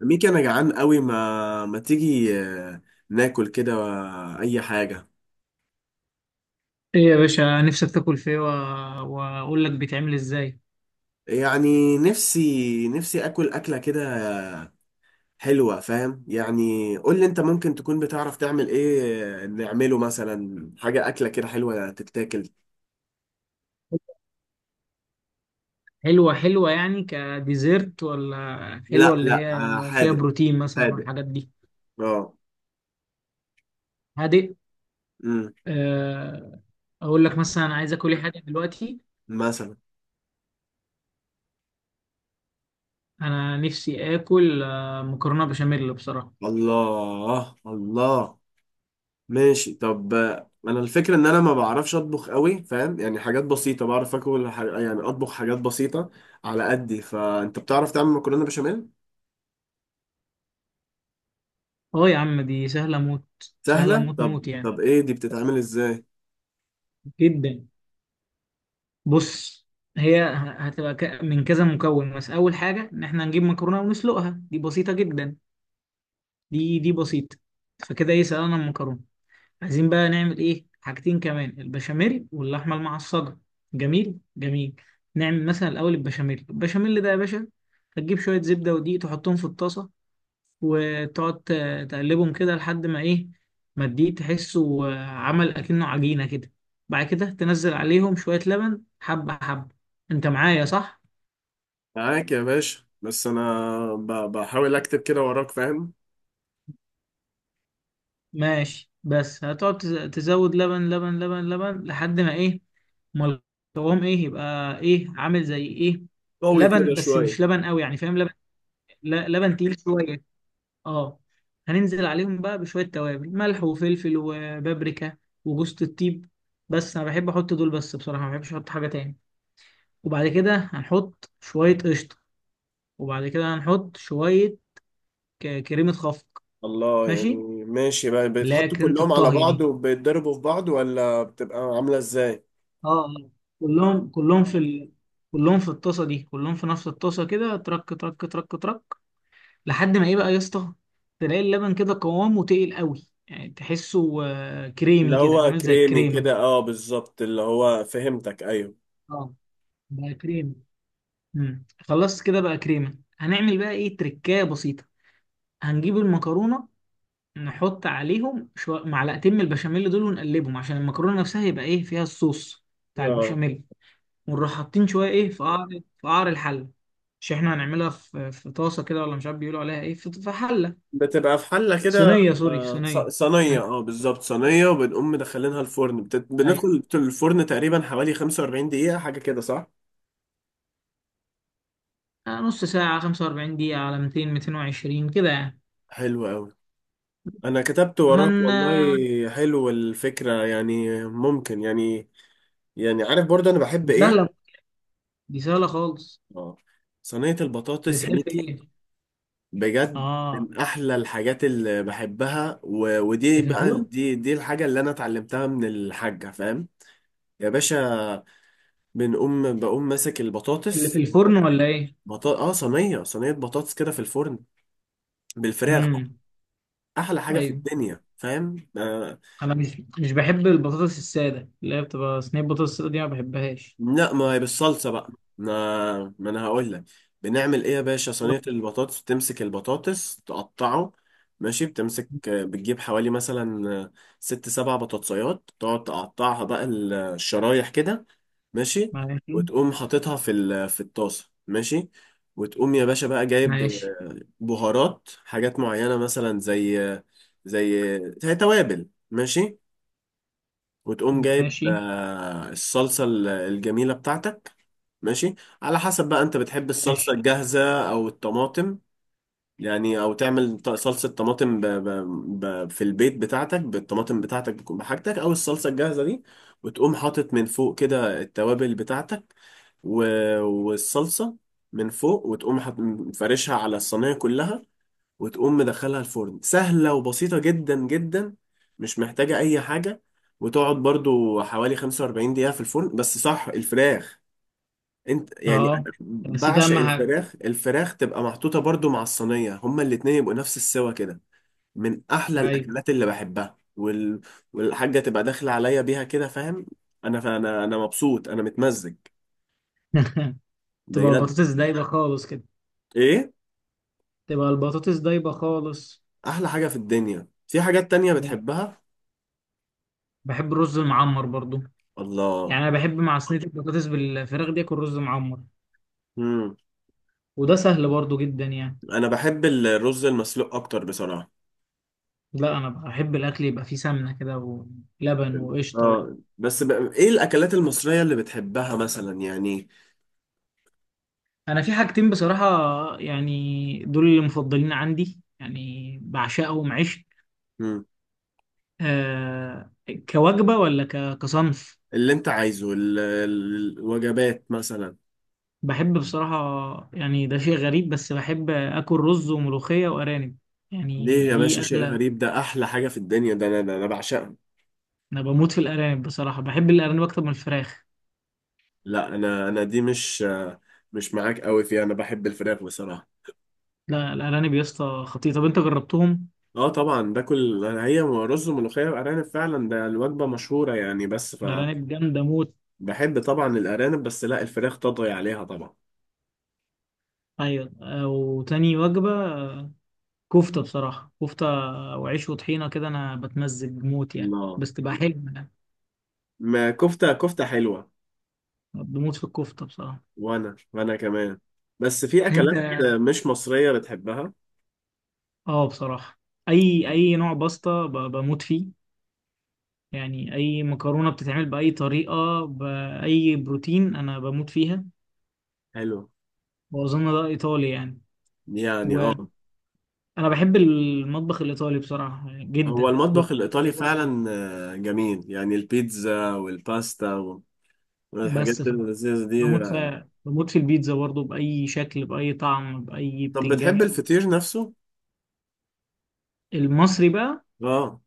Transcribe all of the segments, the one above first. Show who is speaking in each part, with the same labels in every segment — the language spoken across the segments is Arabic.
Speaker 1: ميكي، انا جعان قوي، ما تيجي ناكل كده اي حاجه.
Speaker 2: ايه يا باشا نفسك تاكل فيه واقول لك بيتعمل ازاي؟
Speaker 1: يعني نفسي اكل اكله كده حلوه، فاهم؟ يعني قول لي انت ممكن تكون بتعرف تعمل ايه، نعمله مثلا حاجه اكله كده حلوه تتاكل.
Speaker 2: حلوة يعني كديزرت ولا حلوة
Speaker 1: لا
Speaker 2: اللي
Speaker 1: لا،
Speaker 2: هي فيها
Speaker 1: حادق
Speaker 2: بروتين مثلا
Speaker 1: حادق.
Speaker 2: والحاجات دي؟
Speaker 1: اه.
Speaker 2: هادئ.
Speaker 1: امم
Speaker 2: آه، اقول لك مثلا، أنا عايز اكل ايه حاجة دلوقتي.
Speaker 1: مثلا.
Speaker 2: انا نفسي اكل مكرونة بشاميل بصراحة.
Speaker 1: الله الله. ماشي طب، انا الفكره ان انا ما بعرفش اطبخ قوي، فاهم؟ يعني حاجات بسيطه بعرف اكل يعني اطبخ حاجات بسيطه على قدي. فانت بتعرف تعمل مكرونه بشاميل؟
Speaker 2: اه يا عم، دي سهلة موت. سهلة
Speaker 1: سهله؟
Speaker 2: موت
Speaker 1: طب
Speaker 2: موت يعني.
Speaker 1: طب ايه دي بتتعمل ازاي؟
Speaker 2: جدا. بص، هي هتبقى من كذا مكون. بس اول حاجة ان احنا نجيب مكرونة ونسلقها، دي بسيطة جدا. دي بسيطة. فكده ايه، سلقنا المكرونة. عايزين بقى نعمل ايه؟ حاجتين كمان، البشاميل واللحمة المعصجة. جميل جميل. نعمل مثلا الأول البشاميل. البشاميل ده يا باشا، هتجيب شوية زبدة ودقيق تحطهم في الطاسة، وتقعد تقلبهم كده لحد ما ايه، ما الدقيق تحسه عمل أكنه عجينة كده. بعد كده تنزل عليهم شوية لبن، حبة حبة. انت معايا صح؟
Speaker 1: معاك يا باشا، بس انا بحاول اكتب كده وراك، فاهم.
Speaker 2: ماشي، بس هتقعد تزود لبن لبن لبن لبن لحد ما ايه. امال. قوام ايه يبقى؟ ايه عامل زي ايه؟
Speaker 1: قوي
Speaker 2: لبن،
Speaker 1: كده
Speaker 2: بس
Speaker 1: شويه.
Speaker 2: مش لبن قوي يعني، فاهم؟ لبن، لبن تقيل شويه. اه. هننزل عليهم بقى بشويه توابل، ملح وفلفل وبابريكا وجوز الطيب. بس انا بحب احط دول بس بصراحه، ما بحبش احط حاجه تاني. وبعد كده هنحط شويه قشطه. وبعد كده هنحط شويه كريمه خفق.
Speaker 1: الله،
Speaker 2: ماشي،
Speaker 1: يعني ماشي بقى
Speaker 2: اللي هي
Speaker 1: بيتحطوا
Speaker 2: كريمه
Speaker 1: كلهم على
Speaker 2: الطهي
Speaker 1: بعض
Speaker 2: دي.
Speaker 1: وبيتضربوا في بعض، ولا بتبقى عامله ازاي؟
Speaker 2: اه. آه. كلهم كلهم في ال... كلهم في الطاسه دي، كلهم في نفس الطاسه كده، ترك ترك ترك ترك لحد ما ايه بقى يا اسطى، تلاقي اللبن كده قوامه تقيل قوي، يعني تحسه
Speaker 1: اللي
Speaker 2: كريمي كده،
Speaker 1: هو
Speaker 2: عامل زي
Speaker 1: كريمي
Speaker 2: الكريمه.
Speaker 1: كده، اه بالظبط، اللي هو فهمتك، ايوه
Speaker 2: اه، بقى كريمي. خلصت كده بقى، كريمه. هنعمل بقى ايه؟ تركايه بسيطه. هنجيب المكرونه، نحط عليهم معلقتين من البشاميل دول ونقلبهم، عشان المكرونه نفسها يبقى ايه، فيها الصوص بتاع
Speaker 1: اه.
Speaker 2: البشاميل. ونروح حاطين شويه ايه، في قعر الحله. مش احنا هنعملها في في طاسه كده، ولا مش عارف بيقولوا عليها ايه، في حله.
Speaker 1: بتبقى في حلة كده.
Speaker 2: صينيه، سوري، صينيه.
Speaker 1: صينية
Speaker 2: هن-
Speaker 1: اه بالظبط صينية، وبنقوم مدخلينها الفرن،
Speaker 2: أيوة.
Speaker 1: بندخل الفرن تقريبا حوالي 45 دقيقة حاجة كده صح؟
Speaker 2: نص ساعة، 45 دقيقة، على 200 220 كده يعني.
Speaker 1: حلو أوي، أنا كتبت وراك
Speaker 2: هن
Speaker 1: والله.
Speaker 2: آه،
Speaker 1: حلو الفكرة، يعني ممكن. يعني عارف برضه أنا بحب
Speaker 2: دي
Speaker 1: إيه؟
Speaker 2: سهلة. دي سهلة خالص.
Speaker 1: اه. صينية البطاطس يا
Speaker 2: بتحب
Speaker 1: ميكي،
Speaker 2: ايه؟
Speaker 1: بجد
Speaker 2: اه،
Speaker 1: من أحلى الحاجات اللي بحبها ودي
Speaker 2: اللي في
Speaker 1: بقى
Speaker 2: الفرن.
Speaker 1: دي الحاجة اللي أنا اتعلمتها من الحاجة، فاهم؟ يا باشا، بقوم ماسك
Speaker 2: اللي في
Speaker 1: البطاطس.
Speaker 2: الفرن ولا ايه؟
Speaker 1: اه صينيه بطاطس كده في الفرن. بالفراخ بقى.
Speaker 2: امم.
Speaker 1: احلى حاجه في
Speaker 2: ايوه،
Speaker 1: الدنيا، فاهم.
Speaker 2: انا مش بحب البطاطس السادة، اللي هي بتبقى صينية بطاطس السادة دي، ما بحبهاش.
Speaker 1: لا ما هي بالصلصه بقى، ما انا هقول لك. بنعمل ايه يا باشا، صينيه البطاطس، بتمسك البطاطس تقطعه. ماشي، بتمسك، بتجيب حوالي مثلا ست سبع بطاطسيات تقعد تقطعها بقى الشرايح كده. ماشي،
Speaker 2: ماشي
Speaker 1: وتقوم حاططها في في الطاسه، ماشي. وتقوم يا باشا بقى جايب
Speaker 2: ماشي
Speaker 1: بهارات حاجات معينة، مثلا زي توابل، ماشي. وتقوم جايب
Speaker 2: ماشي
Speaker 1: الصلصة الجميلة بتاعتك، ماشي. على حسب بقى، انت بتحب الصلصة
Speaker 2: ماشي.
Speaker 1: الجاهزة او الطماطم. يعني او تعمل صلصة طماطم في البيت بتاعتك بالطماطم بتاعتك بكون بحاجتك، او الصلصة الجاهزة دي. وتقوم حاطط من فوق كده التوابل بتاعتك و... والصلصة من فوق. وتقوم مفرشها على الصينية كلها. وتقوم مدخلها الفرن، سهلة وبسيطة جدا جدا، مش محتاجة أي حاجة. وتقعد برضو حوالي 45 دقيقة في الفرن، بس صح الفراخ. انت يعني
Speaker 2: اه،
Speaker 1: أنا
Speaker 2: نسيت
Speaker 1: بعشق
Speaker 2: اهم حاجة.
Speaker 1: الفراخ. الفراخ تبقى محطوطة برضو مع الصينية، هما الاتنين يبقوا نفس السوا كده. من أحلى
Speaker 2: ايوه.
Speaker 1: الأكلات اللي بحبها والحاجة تبقى داخلة عليا بيها كده، فاهم. أنا مبسوط، أنا متمزج
Speaker 2: تبقى
Speaker 1: بجد.
Speaker 2: البطاطس دايبة خالص كده.
Speaker 1: إيه
Speaker 2: تبقى البطاطس دايبة خالص.
Speaker 1: أحلى حاجة في الدنيا؟ في حاجات تانية بتحبها؟
Speaker 2: بحب الرز المعمر برضو.
Speaker 1: الله.
Speaker 2: يعني انا بحب مع صينيه البطاطس بالفراخ دي اكل رز معمر.
Speaker 1: مم.
Speaker 2: وده سهل برضو جدا يعني.
Speaker 1: انا بحب الرز المسلوق اكتر بصراحه.
Speaker 2: لا، انا بحب الاكل يبقى فيه سمنه كده، ولبن وقشطه.
Speaker 1: اه بس، ايه الاكلات المصريه اللي بتحبها مثلا يعني؟
Speaker 2: انا في حاجتين بصراحه، يعني دول اللي مفضلين عندي، يعني بعشقهم عشق.
Speaker 1: مم.
Speaker 2: آه كوجبه ولا كصنف.
Speaker 1: اللي انت عايزه الوجبات مثلا.
Speaker 2: بحب بصراحه، يعني ده شيء غريب، بس بحب اكل رز وملوخيه وارانب. يعني
Speaker 1: ليه يا باشا
Speaker 2: دي
Speaker 1: شيء
Speaker 2: اكله.
Speaker 1: غريب؟ ده احلى حاجه في الدنيا، ده انا بعشقها.
Speaker 2: انا بموت في الارانب بصراحه، بحب الارانب اكتر من الفراخ.
Speaker 1: لا، انا دي مش معاك قوي فيها، انا بحب الفراخ بصراحه.
Speaker 2: لا، الارانب يا اسطى خطيره، طب انت جربتهم؟
Speaker 1: اه طبعا، باكل هي رز وملوخيه وارانب فعلا، ده الوجبه مشهوره يعني بس.
Speaker 2: أرانب جامدة موت.
Speaker 1: فبحب طبعا الارانب، بس لا الفراخ تطغي عليها طبعا.
Speaker 2: أيوة. وتاني وجبة، كفتة بصراحة، كفتة وعيش وطحينة كده، أنا بتمزج موت يعني،
Speaker 1: الله،
Speaker 2: بس تبقى حلوة يعني.
Speaker 1: ما كفته كفته حلوه.
Speaker 2: بموت في الكفتة بصراحة.
Speaker 1: وانا كمان. بس في اكلات
Speaker 2: أنت.
Speaker 1: مش مصرية بتحبها.
Speaker 2: بصراحة، أي نوع باستا بموت فيه. يعني أي مكرونة بتتعمل بأي طريقة بأي بروتين، أنا بموت فيها.
Speaker 1: حلو
Speaker 2: وأظن ده إيطالي يعني.
Speaker 1: يعني،
Speaker 2: وأنا
Speaker 1: اه
Speaker 2: بحب المطبخ الإيطالي بصراحة، يعني
Speaker 1: هو
Speaker 2: جدا،
Speaker 1: المطبخ
Speaker 2: والبيتزا
Speaker 1: الايطالي
Speaker 2: برضه.
Speaker 1: فعلا جميل، يعني البيتزا والباستا والحاجات
Speaker 2: بس
Speaker 1: اللذيذة دي.
Speaker 2: بموت في البيتزا برضه، بأي شكل بأي طعم بأي
Speaker 1: طب بتحب
Speaker 2: بتنجان.
Speaker 1: الفطير نفسه؟
Speaker 2: المصري بقى،
Speaker 1: اه.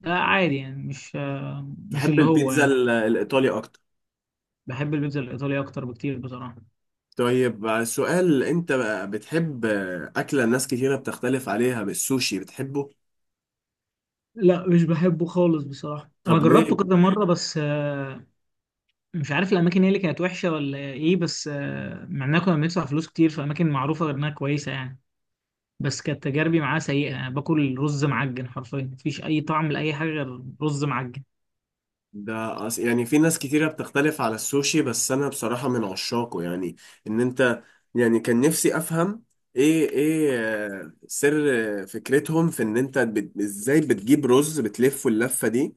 Speaker 2: ده عادي يعني، مش
Speaker 1: بحب
Speaker 2: اللي هو
Speaker 1: البيتزا
Speaker 2: يعني.
Speaker 1: الايطالي اكتر.
Speaker 2: بحب البيتزا الإيطالية أكتر بكتير بصراحة.
Speaker 1: طيب سؤال، انت بقى بتحب اكلة ناس كتيرة بتختلف عليها، بالسوشي بتحبه؟
Speaker 2: لا، مش بحبه خالص بصراحة. أنا
Speaker 1: طب
Speaker 2: جربته
Speaker 1: ليه؟
Speaker 2: كذا مرة، بس مش عارف الأماكن هي اللي كانت وحشة ولا إيه، بس مع إننا كنا بندفع فلوس كتير في أماكن معروفة، غير إنها كويسة يعني. بس كانت تجاربي معاه سيئة، أنا باكل رز معجن حرفيا، مفيش أي طعم لأي حاجة غير رز معجن.
Speaker 1: ده يعني في ناس كتيرة بتختلف على السوشي، بس أنا بصراحة من عشاقه يعني. إن أنت، يعني كان نفسي أفهم إيه سر فكرتهم، في إن أنت إزاي بتجيب رز بتلفه اللفة دي.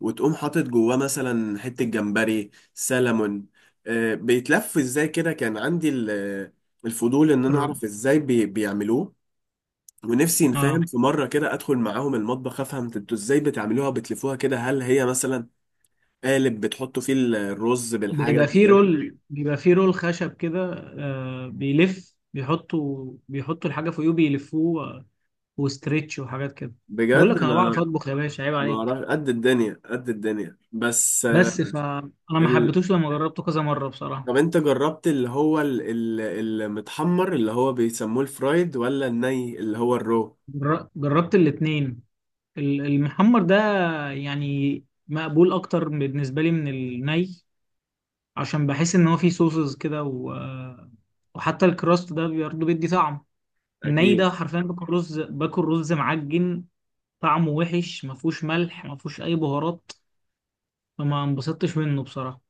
Speaker 1: وتقوم حاطط جواه مثلا حتة جمبري سلمون، بيتلف إزاي كده، كان عندي الفضول إن أنا
Speaker 2: الر-
Speaker 1: أعرف إزاي بيعملوه. ونفسي
Speaker 2: اه،
Speaker 1: نفهم في مرة كده أدخل معاهم المطبخ، أفهم أنتوا إزاي بتعملوها بتلفوها كده، هل هي مثلا قالب بتحطوا فيه الرز بالحاجة.
Speaker 2: بيبقى فيه رول خشب كده. بيلف، بيحطوا الحاجة فوقيه، بيلفوه، وستريتش وحاجات كده. بقول
Speaker 1: بجد
Speaker 2: لك انا بعرف
Speaker 1: أنا،
Speaker 2: اطبخ يا باشا، عيب
Speaker 1: ما
Speaker 2: عليك.
Speaker 1: أعرف قد الدنيا قد الدنيا بس.
Speaker 2: بس فانا ما
Speaker 1: ال...
Speaker 2: حبيتوش لما جربته كذا مرة بصراحة.
Speaker 1: طب أنت جربت اللي هو ال... المتحمر اللي هو بيسموه الفرايد، ولا الني اللي هو الرو؟
Speaker 2: جربت الاتنين. المحمر ده يعني مقبول اكتر بالنسبة لي من الني، عشان بحس ان هو فيه صوصز كده و... آه، وحتى الكراست ده برضه بيدي طعم. الني
Speaker 1: أكيد،
Speaker 2: ده حرفيا باكل رز معجن، طعمه وحش، ما فيهوش ملح ما فيهوش اي بهارات، فما انبسطتش منه بصراحه.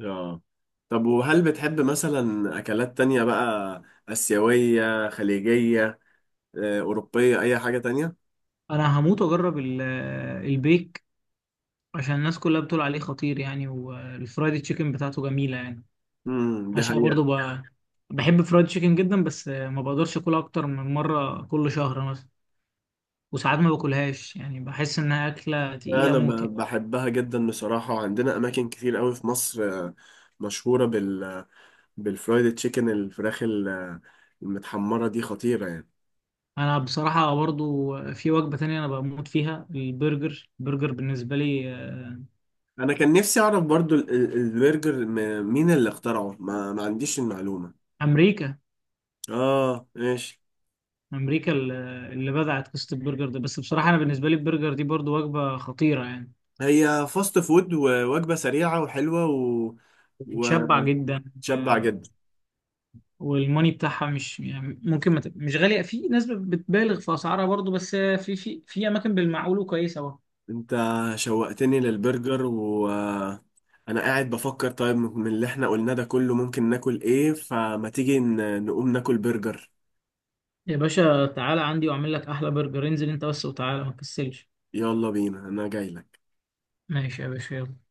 Speaker 1: آه. طب وهل بتحب مثلا أكلات تانية بقى، آسيوية خليجية أوروبية أي حاجة تانية؟
Speaker 2: انا هموت واجرب البيك، عشان الناس كلها بتقول عليه خطير يعني، والفرايد تشيكن بتاعته جميله يعني.
Speaker 1: دي
Speaker 2: عشان برضو
Speaker 1: حقيقة.
Speaker 2: بحب فرايد تشيكن جدا، بس ما بقدرش اكلها اكتر من مره كل شهر مثلا. وساعات ما باكلهاش يعني، بحس انها اكله تقيله
Speaker 1: أنا
Speaker 2: موت يعني.
Speaker 1: بحبها جدا بصراحة، وعندنا أماكن كتير قوي في مصر مشهورة بالفرايد تشيكن، الفراخ المتحمرة دي خطيرة يعني.
Speaker 2: انا بصراحه برضو في وجبه تانية انا بموت فيها، البرجر. البرجر بالنسبه لي
Speaker 1: أنا كان نفسي أعرف برضو البرجر مين اللي اخترعه، ما عنديش المعلومة.
Speaker 2: امريكا.
Speaker 1: آه ماشي.
Speaker 2: امريكا اللي بدعت قصه البرجر ده. بس بصراحه انا بالنسبه لي البرجر دي برضو وجبه خطيره يعني.
Speaker 1: هي فاست فود ووجبة سريعة وحلوة
Speaker 2: بتشبع جدا.
Speaker 1: وتشبع جدا.
Speaker 2: والموني بتاعها مش يعني، ممكن ما تب- مش غاليه، في ناس بتبالغ في اسعارها برضو، بس في اماكن بالمعقول وكويسه برضو.
Speaker 1: أنت شوقتني للبرجر، و أنا قاعد بفكر، طيب من اللي احنا قلناه ده كله ممكن ناكل ايه؟ فما تيجي نقوم ناكل برجر.
Speaker 2: يا باشا تعالى عندي واعمل لك احلى برجر، انزل انت بس وتعالى، ما تكسلش.
Speaker 1: يلا بينا، أنا جايلك.
Speaker 2: ماشي يا باشا، يلا.